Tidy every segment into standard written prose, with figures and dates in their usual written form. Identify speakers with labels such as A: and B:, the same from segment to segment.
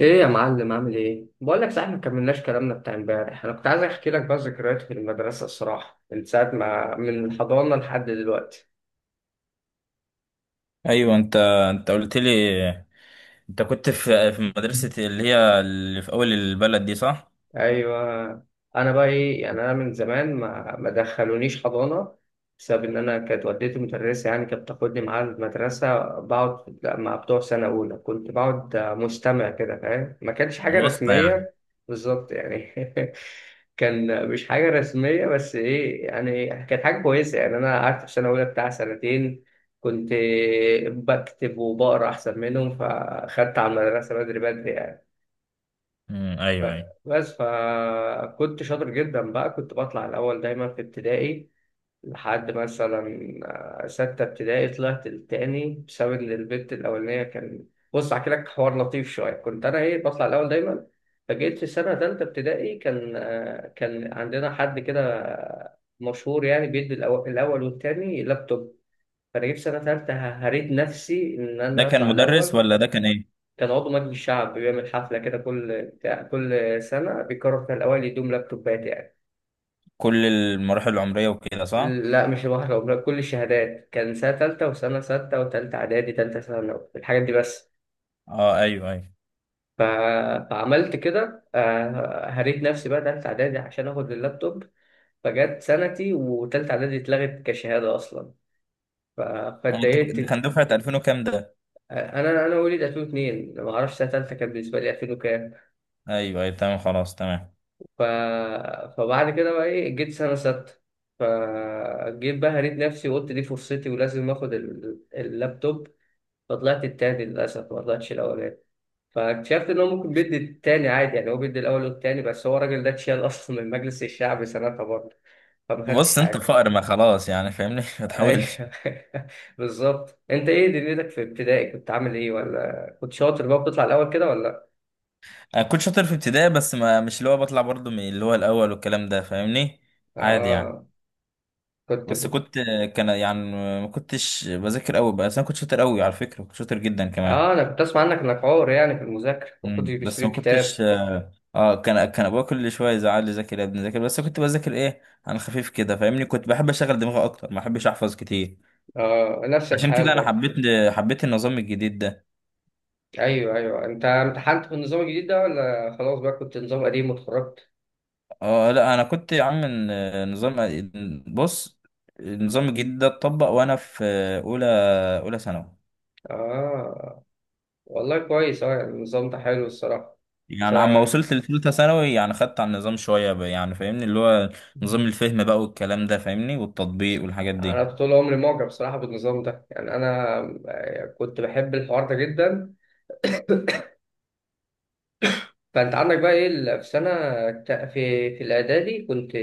A: ايه يا معلم، عامل ايه؟ بقول لك، صحيح ما كملناش كلامنا بتاع امبارح. انا كنت عايز احكي لك بقى ذكريات في المدرسه الصراحه، من ساعه ما من الحضانه لحد دلوقتي.
B: ايوه انت قلت لي. انت كنت في مدرسه اللي في اول البلد دي، صح؟
A: ايوه، انا بقى ايه يعني، انا من زمان ما دخلونيش حضانه بسبب ان انا كانت والدتي مدرسه، يعني كانت بتاخدني معاها المدرسه، بقعد مع بتوع سنه اولى، كنت بقعد مستمع كده، فاهم؟ ما كانش حاجه
B: وسطى يعني.
A: رسميه. بالظبط يعني. كان مش حاجه رسميه، بس ايه يعني، كانت حاجه كويسه يعني. انا قعدت في سنه اولى بتاع سنتين، كنت بكتب وبقرا احسن منهم، فاخدت على المدرسه بدري بدري يعني. ف-
B: ايوه ايوه.
A: بس فكنت شاطر جدا بقى، كنت بطلع الأول دايما في ابتدائي، لحد مثلا ستة ابتدائي طلعت التاني، بسبب إن البت الأولانية كان. بص أحكي لك حوار لطيف شوية، كنت أنا إيه بطلع الأول دايما. فجيت في سنة تالتة ابتدائي، كان كان عندنا حد كده مشهور يعني، بيدي الأول والتاني لابتوب. فأنا جيت في سنة تالتة هريت نفسي إن
B: ده
A: أنا
B: كان
A: أطلع
B: مدرس
A: الأول.
B: ولا ده كان ايه؟
A: كان عضو مجلس الشعب بيعمل حفلة كده كل بتاع، كل سنة بيقرر فيها الأوائل يدوم لابتوبات يعني.
B: كل المراحل العمريه وكده صح؟
A: لا مش واحدة ولا كل الشهادات، كان سنة تالتة وسنة ستة وتالتة إعدادي تالتة ثانوي، الحاجات دي بس.
B: اه ايوه ايوه.
A: ف... فعملت كده هريت نفسي بقى تالتة إعدادي عشان آخد اللابتوب. فجت سنتي وتالتة إعدادي اتلغت كشهادة أصلا. ف...
B: اه، انت ده كان
A: فاتضايقت.
B: دفعه 2000 وكام ده؟
A: أنا وليد 2002، ما أعرفش سنة تالتة كان بالنسبة لي 2000 وكام.
B: ايوه ايوه تمام، خلاص تمام.
A: ف... فبعد كده بقى ايه، جيت سنة ستة، فجيت بقى هريت نفسي وقلت دي فرصتي ولازم اخد اللابتوب. فطلعت التاني للأسف، ما طلعتش الأولاني. فاكتشفت إن هو ممكن بيدي التاني عادي يعني، هو بيدي الأول والتاني، بس هو الراجل ده اتشال أصلا من مجلس الشعب سنتها برضه، فما خدتش
B: بص، انت
A: حاجة.
B: الفقر ما خلاص يعني، فاهمني؟ ما تحاولش.
A: أيوه. بالظبط. أنت إيه دنيتك في ابتدائي؟ كنت عامل إيه؟ ولا كنت شاطر بقى بتطلع الأول كده ولا؟
B: انا كنت شاطر في ابتدائي، بس ما مش اللي هو بطلع برضو من اللي هو الاول والكلام ده، فاهمني؟ عادي يعني.
A: آه. كنت
B: بس
A: بت...
B: كنت، كان يعني، ما كنتش بذاكر قوي، بس انا كنت شاطر قوي على فكره، كنت شاطر جدا كمان.
A: آه، أنا كنت أسمع عنك إنك عور يعني في المذاكرة، ما كنتش
B: مم. بس
A: بتشتري
B: ما كنتش
A: الكتاب.
B: كان ابويا كل شويه يزعل لي، ذاكر يا ابني ذاكر، بس كنت بذاكر ايه. انا خفيف كده فاهمني، كنت بحب اشغل دماغي اكتر، ما بحبش احفظ كتير.
A: آه، نفس
B: عشان
A: الحال
B: كده انا
A: برضه.
B: حبيت النظام الجديد ده.
A: ايوه ايوه، انت امتحنت في النظام الجديد ده ولا خلاص بقى كنت نظام قديم واتخرجت؟
B: اه لا، انا كنت يا عم نظام. بص، النظام الجديد ده اتطبق وانا في اولى اولى ثانوي.
A: اه، والله كويس. اه يعني النظام ده حلو الصراحه. ف
B: يعني عما وصلت لثالثة ثانوي يعني خدت على النظام شوية بقى، يعني فاهمني اللي هو نظام الفهم بقى والكلام ده، فاهمني، والتطبيق والحاجات
A: انا
B: دي.
A: طول عمري معجب بصراحه بالنظام ده، يعني انا كنت بحب الحوار ده جدا. فانت عندك بقى ايه في سنه في في الاعدادي كنت.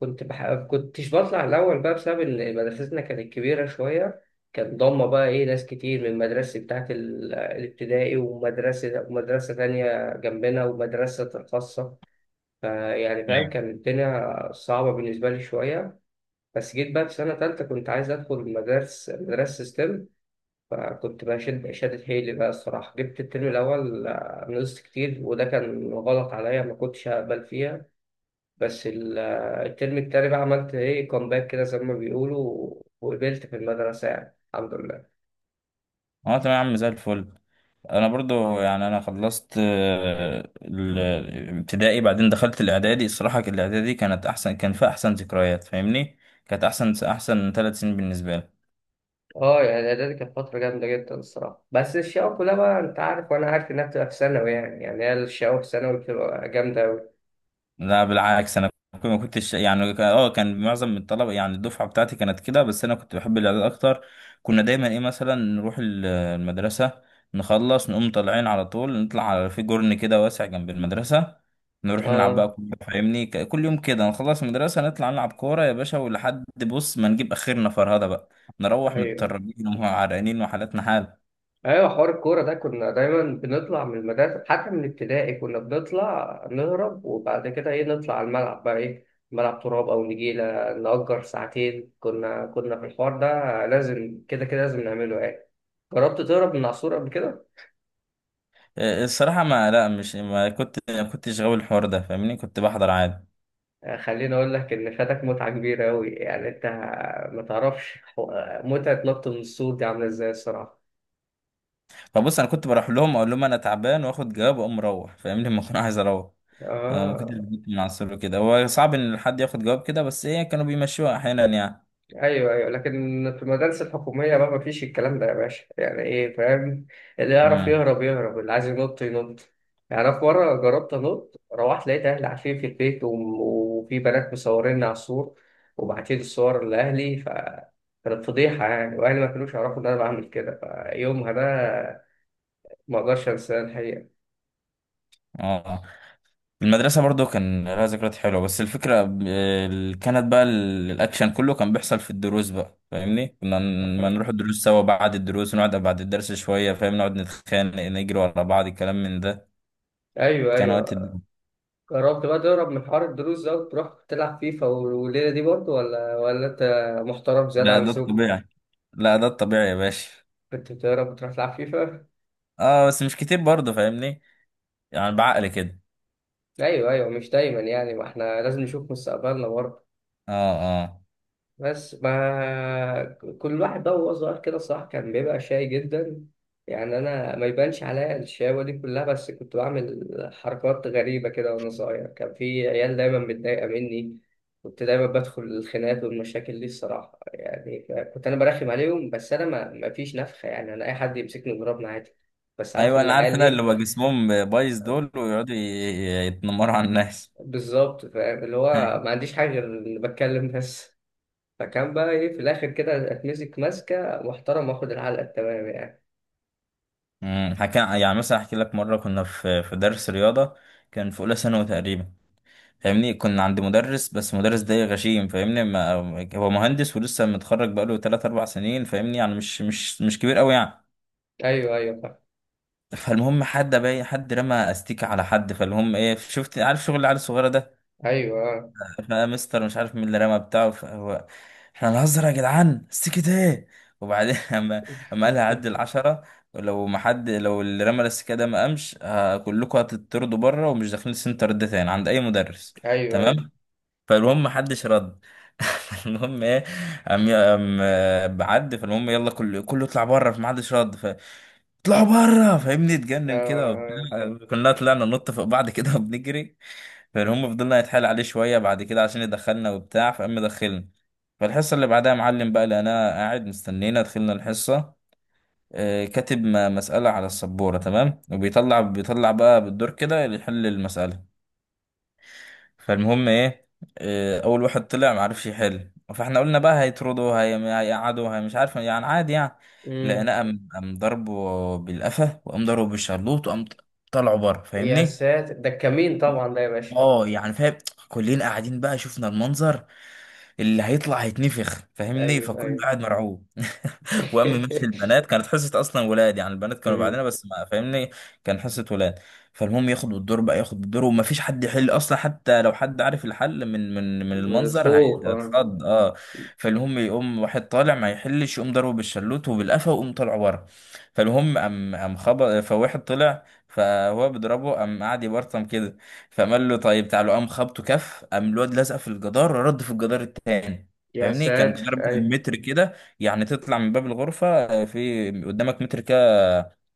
A: كنتش بطلع الأول بقى، بسبب إن مدرستنا كانت كبيرة شوية، كان ضم بقى إيه ناس كتير من مدرستي بتاعت الابتدائي ومدرسة ومدرسة تانية جنبنا ومدرسة خاصة. فيعني فاهم،
B: ايوه.
A: كانت الدنيا صعبة بالنسبة لي شوية. بس جيت بقى في سنة تالتة كنت عايز أدخل مدارس مدرسة ستيم، فكنت بقى شدت حيلي بقى الصراحة. جبت الترم الأول نقصت كتير، وده كان غلط عليا، ما كنتش هقبل فيها. بس الترم التاني بقى عملت ايه كومباك كده زي ما بيقولوا، وقبلت في المدرسة يعني الحمد لله.
B: اه تمام يا عم، زي الفل. انا برضو يعني انا خلصت، الابتدائي، بعدين دخلت الاعدادي، الصراحة الاعدادي كانت احسن، كان فيها احسن ذكريات فاهمني. كانت احسن، احسن ثلاث سنين بالنسبة لي.
A: اه، يعني اعدادي كانت فترة جامدة جدا الصراحة، بس الشقاوة كلها بقى انت عارف وانا عارف انها بتبقى في ثانوي يعني، يعني هي الشقاوة في ثانوي بتبقى جامدة أوي.
B: لا بالعكس، انا ما كنتش يعني كان معظم من الطلبه، يعني الدفعه بتاعتي كانت كده، بس انا كنت بحب الاعداد اكتر. كنا دايما ايه، مثلا نروح المدرسه، نخلص نقوم طالعين على طول، نطلع على في جرن كده واسع جنب المدرسه، نروح نلعب بقى
A: اه،
B: كورة، فاهمني، كل يوم كده نخلص المدرسه نطلع نلعب كوره يا باشا، ولحد بص ما نجيب اخرنا فرهده بقى. نروح
A: ايوه
B: متطربين وعرقانين وحالتنا حال.
A: ايوه، حوار الكورة ده كنا دايما بنطلع من المدرسة، حتى من ابتدائي كنا بنطلع نهرب، وبعد كده ايه نطلع على الملعب بقى ايه، ملعب تراب او نجيلة، نأجر ساعتين. كنا كنا في الحوار ده، لازم كده، كده لازم نعمله يعني. جربت تهرب من العصور قبل كده؟
B: الصراحه ما لا مش ما كنت، ما كنتش غاوي الحوار ده فاهمني، كنت بحضر عادي.
A: آه، خليني أقول لك إن فاتك متعة كبيرة أوي يعني. أنت ما تعرفش متعة نط من السور دي عاملة إزاي الصراحة.
B: فبص، انا كنت بروح لهم اقول لهم انا تعبان واخد جواب واقوم مروح فاهمني لما اكون عايز اروح. ما كنتش
A: آه،
B: بجيب من عصره كده، هو صعب ان حد ياخد جواب كده، بس ايه كانوا بيمشوها احيانا يعني.
A: أيوه أيوه، لكن في المدارس الحكومية بقى مفيش الكلام ده يا باشا، يعني إيه فاهم، اللي يعرف
B: امم
A: يهرب يهرب، اللي عايز ينط ينط. يعني أنا في مرة جربت أنط، روحت لقيت أهلي عارفين في البيت، وفي بنات مصوريني على السور وبعتين الصور لأهلي. كانت فضيحة يعني، وأهلي ما كانوش يعرفوا إن أنا بعمل كده. فيومها ده ما اقدرش انساه الحقيقه.
B: اه المدرسه برضو كان لها ذكريات حلوه، بس الفكره كانت بقى الاكشن كله كان بيحصل في الدروس بقى فاهمني، كنا ما نروح الدروس سوا، بعد الدروس ونقعد بعد الدرس شويه فاهم، نقعد نتخانق نجري ورا بعض الكلام من ده.
A: ايوه
B: كان وقت
A: ايوه.
B: الد-
A: جربت بقى تهرب من حوار الدروس ده وتروح تلعب فيفا والليله دي برضه ولا انت محترم زياده عن
B: لا ده
A: اللزوم؟
B: الطبيعي، لا ده الطبيعي يا باشا.
A: كنت بتهرب وتروح تلعب فيفا؟
B: اه بس مش كتير برضه فاهمني، يعني بعقل كده.
A: ايوه ايوه، مش دايما يعني، ما احنا لازم نشوف مستقبلنا برضه.
B: اه اه.
A: بس ما كل واحد بقى وهو صغير كده صح كان بيبقى شاي جدا. يعني انا ما يبانش عليا الشقاوة دي كلها، بس كنت بعمل حركات غريبة كده وانا صغير، كان في عيال دايما متضايقة مني، كنت دايما بدخل الخناقات والمشاكل دي الصراحة يعني. كنت انا برخم عليهم، بس انا ما فيش نفخة يعني، انا اي حد يمسكني يضربني عادي، بس عارف
B: ايوه انا عارف،
A: العيال
B: ان اللي
A: دي.
B: بقى جسمهم بايظ دول ويقعدوا يتنمروا على الناس.
A: بالظبط، فاهم اللي هو ما عنديش حاجة غير إني بتكلم بس. فكان بقى ايه في الاخر كده اتمسك، ماسكه محترم واخد العلقه التمام يعني.
B: امم، حكى يعني، مثلا احكي لك مره كنا في درس رياضه، كان في اولى ثانوي تقريبا فاهمني، كنا عند مدرس بس المدرس ده غشيم فاهمني، ما هو مهندس ولسه متخرج بقاله 3 4 سنين فاهمني، يعني مش كبير قوي يعني.
A: ايوه ايوه، فاهم.
B: فالمهم حد، باي حد رمى استيكه على حد، فالمهم ايه، شفت عارف شغل العيال الصغيره ده.
A: ايوه، آه.
B: فانا، مستر مش عارف مين اللي رمى بتاعه، فهو احنا هنهزر يا جدعان؟ السكت ايه! وبعدين اما، اما قالها عد العشرة، لو ما حد، لو اللي رمى السكه ده ما قامش كلكم هتطردوا بره، ومش داخلين السنتر ده تاني عند اي مدرس.
A: ايوه ايوه،
B: تمام، فالمهم ما حدش رد. المهم ايه، قام بعد فالمهم، يلا كله يطلع بره. فما حدش رد اطلعوا بره فاهمني،
A: آه.
B: اتجنن كده
A: آه.
B: وبتاع. كلنا طلعنا ننط فوق بعض كده وبنجري. فالهم فضلنا يتحايل عليه شوية بعد كده عشان يدخلنا وبتاع، فقام دخلنا. فالحصة اللي بعدها معلم بقى، لقيناه قاعد مستنينا، دخلنا الحصة، كاتب مسألة على السبورة. تمام، وبيطلع بقى بالدور كده اللي يحل المسألة. فالمهم ايه، أول واحد طلع معرفش يحل، فاحنا قلنا بقى هيطردوا هيقعدوا، هي مش عارف يعني، عادي يعني.
A: أمم.
B: لقيناه قام ضربه بالقفا، وقام ضربه بالشلوط، وقام طلعوا بره
A: يا
B: فاهمني.
A: ساتر، ده الكمين
B: بص،
A: طبعا ده يا باشا.
B: اه يعني فاهم، كلنا قاعدين بقى شفنا المنظر، اللي هيطلع هيتنفخ فاهمني،
A: ايوه
B: فكله
A: ايوه.
B: قاعد مرعوب. وقام ماشي، البنات كانت حصه اصلا ولاد، يعني البنات كانوا بعدنا
A: أمم.
B: بس ما فاهمني، كان حصه ولاد. فالمهم ياخد الدور بقى، ياخد الدور ومفيش حد يحل اصلا، حتى لو حد عارف الحل من
A: من
B: المنظر
A: الخوف، اه.
B: هيتخض، اه. فالمهم يقوم واحد طالع ما يحلش، يقوم ضربه بالشلوت وبالقفا، ويقوم طالع بره. فالمهم قام خبط، فواحد طلع فهو بيضربه، قام قعد يبرطم كده، فقام قال له طيب تعالوا، قام خبطه كف، قام الواد لزق في الجدار، رد في الجدار التاني
A: يا
B: فاهمني. كان
A: ساتر،
B: جدار بين
A: ايوه.
B: المتر كده، يعني تطلع من باب الغرفة في قدامك متر كده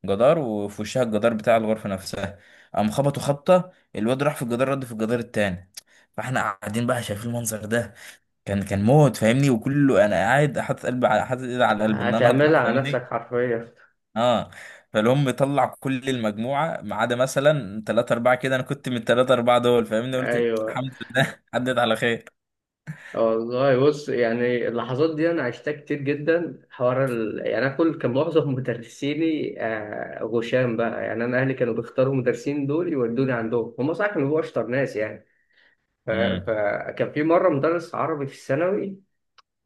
B: جدار، وفي وشها الجدار بتاع الغرفة نفسها. قام خبطوا خبطة، الواد راح في الجدار رد في الجدار التاني. فاحنا قاعدين بقى شايفين المنظر ده، كان موت فاهمني، وكله. انا قاعد حاطط ايدي على القلب ان انا اطلع
A: هتعملها على نفسك
B: فاهمني،
A: حرفيا.
B: اه. فالهم طلع كل المجموعة ما عدا مثلا ثلاثة أربعة كده، أنا كنت من الثلاثة أربعة دول فاهمني، قلت
A: ايوه،
B: الحمد لله عدت على خير.
A: والله بص يعني، اللحظات دي انا عشتها كتير جدا. حوار يعني انا كل، كان معظم مدرسيني غشام بقى، يعني انا اهلي كانوا بيختاروا المدرسين دول يودوني عندهم هم، صح كانوا بيبقوا اشطر ناس يعني.
B: امم.
A: فكان في مره مدرس عربي في الثانوي،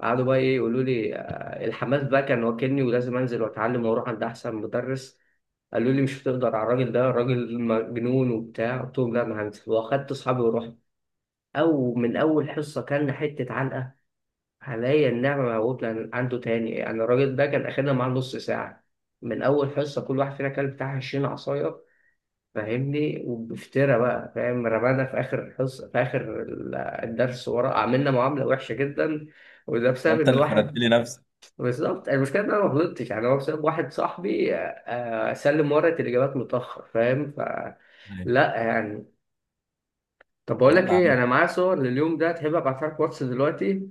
A: قعدوا بقى ايه يقولوا لي الحماس بقى كان واكلني ولازم انزل واتعلم واروح عند احسن مدرس. قالوا لي مش هتقدر على الراجل ده، الراجل مجنون وبتاع. قلت لهم لا انا هنزل، واخدت اصحابي ورحت. او من اول حصه كان حته علقه، حاليا نعمة موجود لأن عنده تاني يعني. الراجل ده كان أخدنا معاه نص ساعة، من أول حصة كل واحد فينا كان بتاع عشرين عصاية فاهمني. وبفترة بقى فاهم، رمانا في آخر الحصة في آخر الدرس ورا، عملنا معاملة وحشة جدا، وده بسبب
B: وأنت
A: إن
B: اللي فردت
A: واحد.
B: لي نفسك.
A: بالظبط يعني، المشكلة إن أنا ما غلطتش يعني، هو بسبب واحد صاحبي سلم ورقة الإجابات متأخر فاهم. لا يعني، طب بقول لك
B: يلا يا
A: إيه،
B: عم.
A: أنا معايا صور لليوم ده، تحب أبعتها لك واتس دلوقتي؟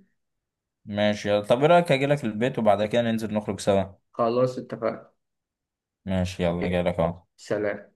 B: ماشي، يلا طب ايه رأيك اجي لك البيت وبعد كده ننزل نخرج سوا؟
A: خلاص، اتفقنا.
B: ماشي يلا، جاي لك اهو.
A: سلام.